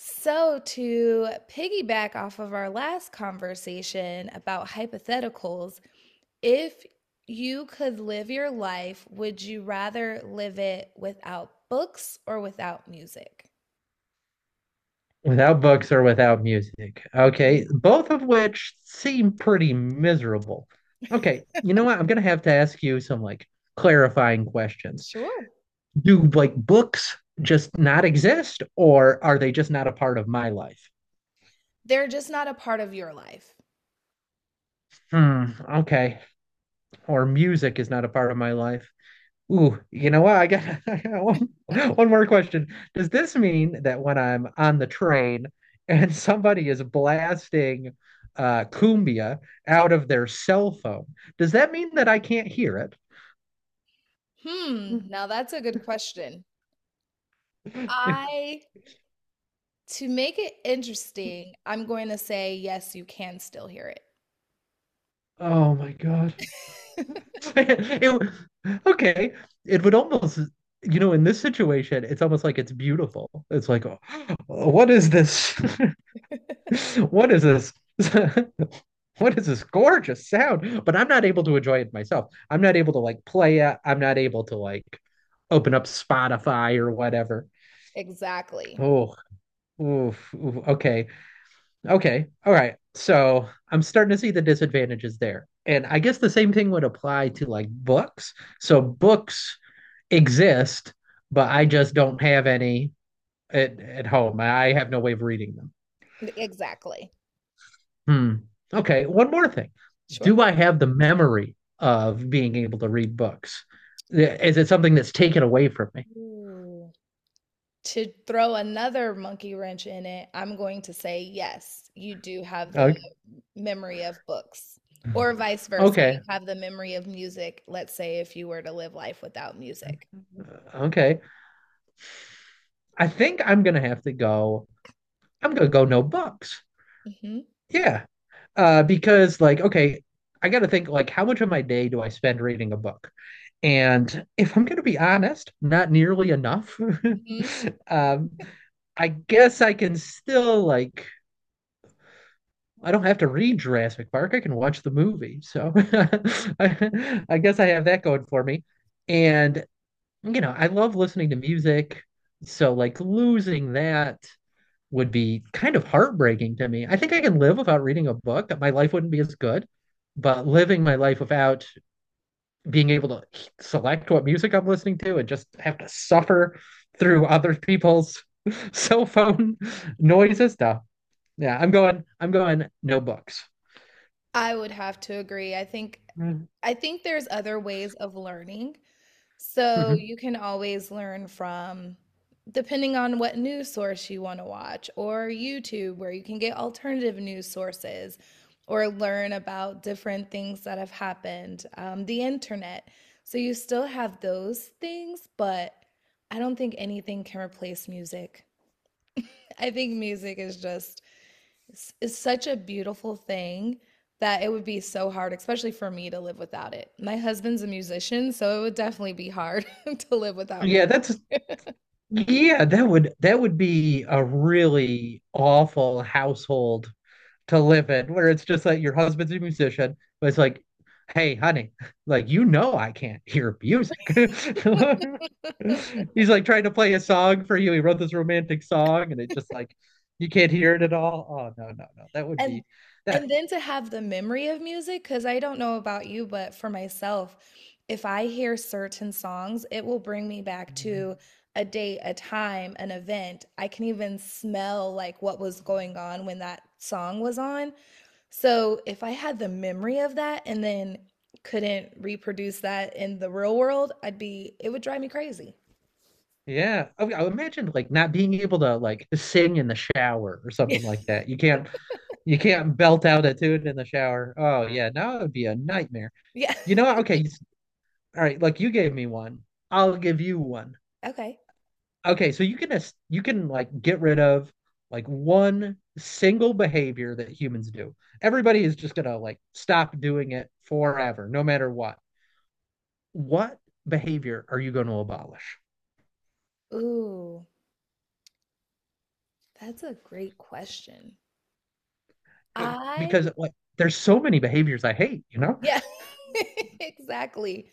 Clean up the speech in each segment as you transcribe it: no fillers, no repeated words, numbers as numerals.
So, to piggyback off of our last conversation about hypotheticals, if you could live your life, would you rather live it without books or without music? Without books or without music. Okay, Mhm. both of which seem pretty miserable. Okay, you know what? I'm gonna have to ask you some like clarifying questions. Sure. Do like books just not exist, or are they just not a part of my life? They're just not a part of your life. Hmm, okay. Or music is not a part of my life. Ooh, you know what? I got, I got one, one more question. Does this mean that when I'm on the train and somebody is blasting cumbia out of their cell phone, does that mean that I can't hear Hmm. Now, that's a good question. it? I, to make it interesting, I'm going to say yes, you can still hear it. Oh my God. It- w- okay, it would almost, you know, in this situation, it's almost like it's beautiful. It's like, oh, what is this? What is this? what is this gorgeous sound? But I'm not able to enjoy it myself. I'm not able to like play it. I'm not able to like open up Spotify or whatever. Exactly. Oh, oof, oof, okay, okay, all right. So I'm starting to see the disadvantages there, and I guess the same thing would apply to like books. So books exist, but I just don't have any at home. I have no way of reading them. Exactly. Hmm. Okay, one more thing. Sure. Do I have the memory of being able to read books? Is it something that's taken away from me? Ooh. To throw another monkey wrench in it, I'm going to say yes, you do have the Okay. memory of books, or Mm. vice versa. Okay. You have the memory of music, let's say if you were to live life without music. uh, Okay. I think I'm gonna have to go. I'm gonna go no books. Hmm. Yeah. Because like, okay, I gotta think like how much of my day do I spend reading a book? And if I'm gonna be honest, not nearly enough. Hmm. Um, I guess I can still like I don't have to read Jurassic Park. I can watch the movie. So I guess I have that going for me. And, you know, I love listening to music. So, like, losing that would be kind of heartbreaking to me. I think I can live without reading a book, that my life wouldn't be as good. But living my life without being able to select what music I'm listening to and just have to suffer through other people's cell phone noises, stuff. Yeah, I'm going, no books. I would have to agree. I think there's other ways of learning. So Hmm you can always learn from, depending on what news source you want to watch, or YouTube, where you can get alternative news sources, or learn about different things that have happened, the internet. So you still have those things, but I don't think anything can replace music. I think music is just is such a beautiful thing that it would be so hard, especially for me to live without it. My husband's a musician, so it would definitely be hard to live without Yeah, music. that's yeah, that would be a really awful household to live in, where it's just like your husband's a musician, but it's like, hey, honey, like you know I can't hear music. He's like trying to play a song for you. He wrote this romantic song and it just like you can't hear it at all. Oh no, no, no. That would And be that and then to have the memory of music, because I don't know about you, but for myself, if I hear certain songs, it will bring me back to a date, a time, an event. I can even smell like what was going on when that song was on. So if I had the memory of that and then couldn't reproduce that in the real world, it would drive me crazy. Yeah. I imagine like not being able to like sing in the shower or Yeah. something like that. You can't belt out a tune in the shower. Oh yeah, no, it would be a nightmare. Yeah. You know what? All right. Like you gave me one, I'll give you one. Okay. Okay, so you can like get rid of like one single behavior that humans do. Everybody is just gonna like stop doing it forever, no matter what. What behavior are you going to abolish? Ooh, that's a great question. You? I, Because like there's so many behaviors I hate. You know, yeah, exactly.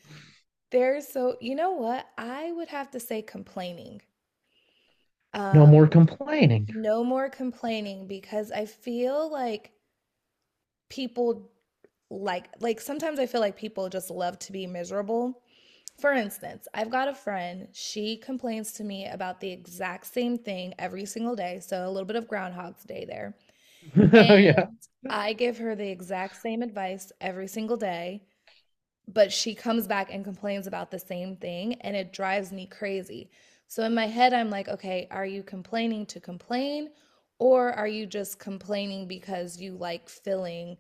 There's so, you know what? I would have to say complaining. no Um, more complaining. no more complaining because I feel like people like sometimes I feel like people just love to be miserable. For instance, I've got a friend, she complains to me about the exact same thing every single day, so a little bit of groundhog's day there. And Oh yeah. I give her the exact same advice every single day, but she comes back and complains about the same thing and it drives me crazy. So in my head I'm like, okay, are you complaining to complain or are you just complaining because you like filling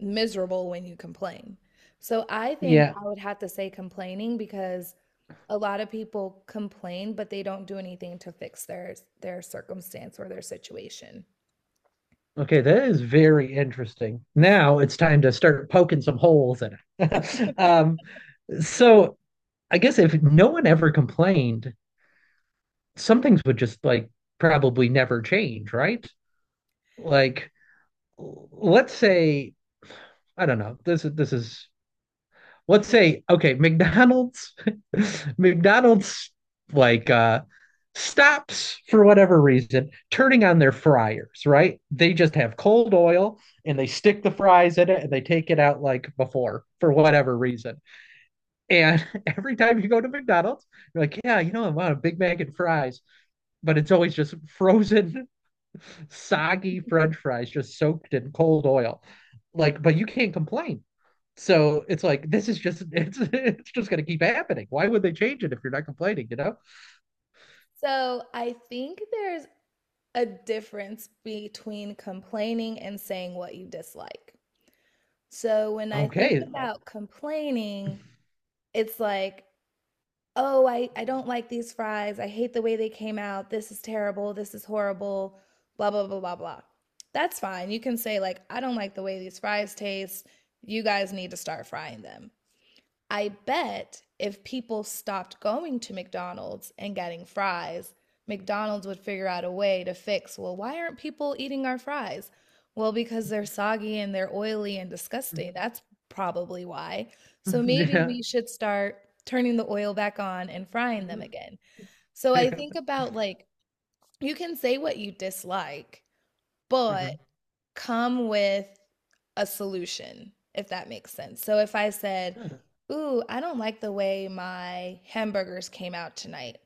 miserable when you complain? So I think Yeah. I would have to say complaining because a lot of people complain, but they don't do anything to fix their circumstance or their situation. Okay, that is very interesting. Now it's time to start poking some holes in it. So I guess if no one ever complained, some things would just like probably never change, right? Like, let's say I don't know. This is let's say okay McDonald's. McDonald's like uh stops for whatever reason turning on their fryers, right? They just have cold oil and they stick the fries in it and they take it out like before for whatever reason. And every time you go to McDonald's, you're like, yeah, you know, I want a Big Mac and fries, but it's always just frozen, soggy French fries just soaked in cold oil. Like, but you can't complain. So it's like this is just it's just gonna keep happening. Why would they change it if you're not complaining? You know? So I think there's a difference between complaining and saying what you dislike. So when I think Okay. about complaining, it's like, oh, I don't like these fries. I hate the way they came out. This is terrible. This is horrible. Blah, blah, blah, blah, blah. That's fine. You can say, like, I don't like the way these fries taste. You guys need to start frying them. I bet if people stopped going to McDonald's and getting fries, McDonald's would figure out a way to fix, well, why aren't people eating our fries? Well, because they're soggy and they're oily and disgusting. That's probably why. So maybe Yeah. we should start turning the oil back on and frying them again. So I yeah. think about like, you can say what you dislike, but yeah. come with a solution, if that makes sense. So if I said, ooh, I don't like the way my hamburgers came out tonight,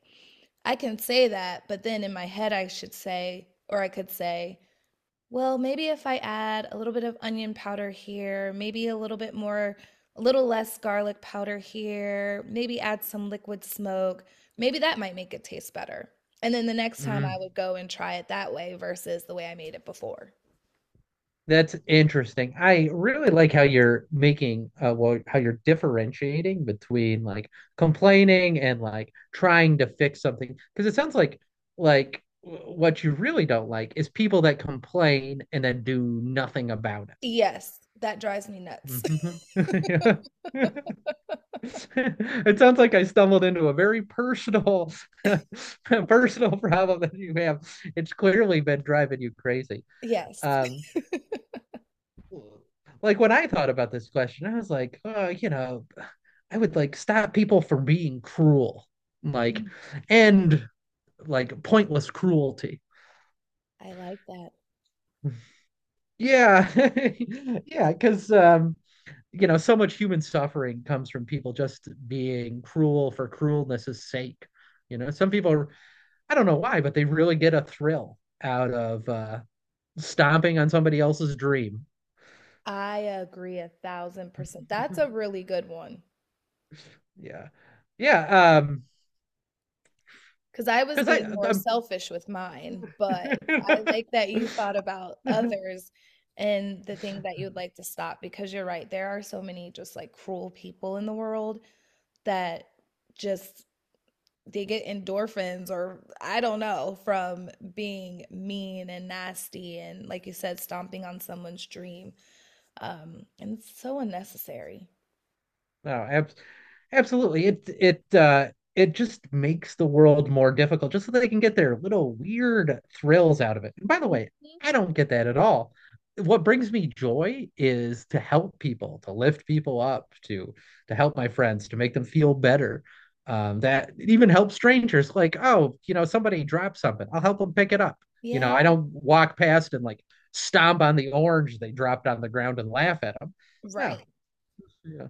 I can say that, but then in my head, I should say, or I could say, well, maybe if I add a little bit of onion powder here, maybe a little bit more, a little less garlic powder here, maybe add some liquid smoke, maybe that might make it taste better. And then the next time I hmm would go and try it that way versus the way I made it before. That's interesting. I really like how you're making, how you're differentiating between like complaining and like trying to fix something. Because it sounds like, what you really don't like is people that complain and then do nothing about Yes, that drives me nuts. it. Mhm. It sounds like I stumbled into a very personal, personal problem that you have. It's clearly been driving you crazy. Yes. Um, Like when I thought about this question, I was like, oh, you know, I would like stop people from being cruel, like, Mm. and like pointless cruelty. I like that. Yeah. Yeah, because you know, so much human suffering comes from people just being cruel for cruelness' sake. You know, some people are, I don't know why, but they really get a thrill out of stomping on somebody else's dream. I agree 1,000%. That's a really good one Yeah. Yeah, because I was because being I more I'm selfish with mine, but I like that you thought about others and the thing that you'd like to stop because you're right. There are so many just like cruel people in the world that just they get endorphins or I don't know from being mean and nasty and like you said, stomping on someone's dream. And it's so unnecessary. No, ab absolutely. It it just makes the world more difficult just so they can get their little weird thrills out of it. And by the way, Mhm. I don't get that at all. What brings me joy is to help people, to lift people up, to help my friends, to make them feel better. That it even helps strangers. Like, oh, you know, somebody dropped something. I'll help them pick it up. You know, Yeah, I don't walk past and like stomp on the orange they dropped on the ground and laugh at them. No, right. yeah.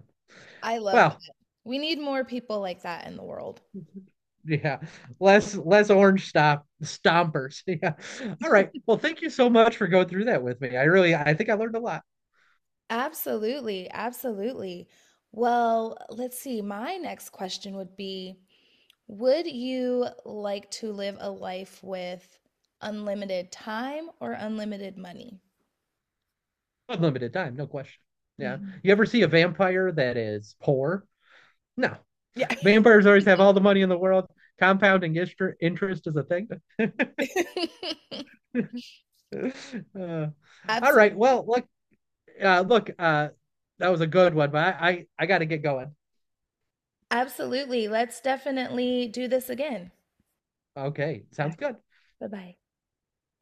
I love that. Well, We need more people like that in the world. yeah, less orange stop stompers. Yeah. All right. Well, thank you so much for going through that with me. I really, I think I learned a lot. Absolutely, absolutely. Well, let's see. My next question would be, would you like to live a life with unlimited time or unlimited money? Unlimited time, no question. Yeah. Mhm. You ever see a vampire that is poor? No. Yeah. Vampires always have all the money in the world. Compounding interest is a thing. Uh, all right. Absolutely. Well, look, uh, look, uh, that was a good one, but I got to get going. Absolutely. Let's definitely do this again. Okay, sounds Alright. good. Bye-bye.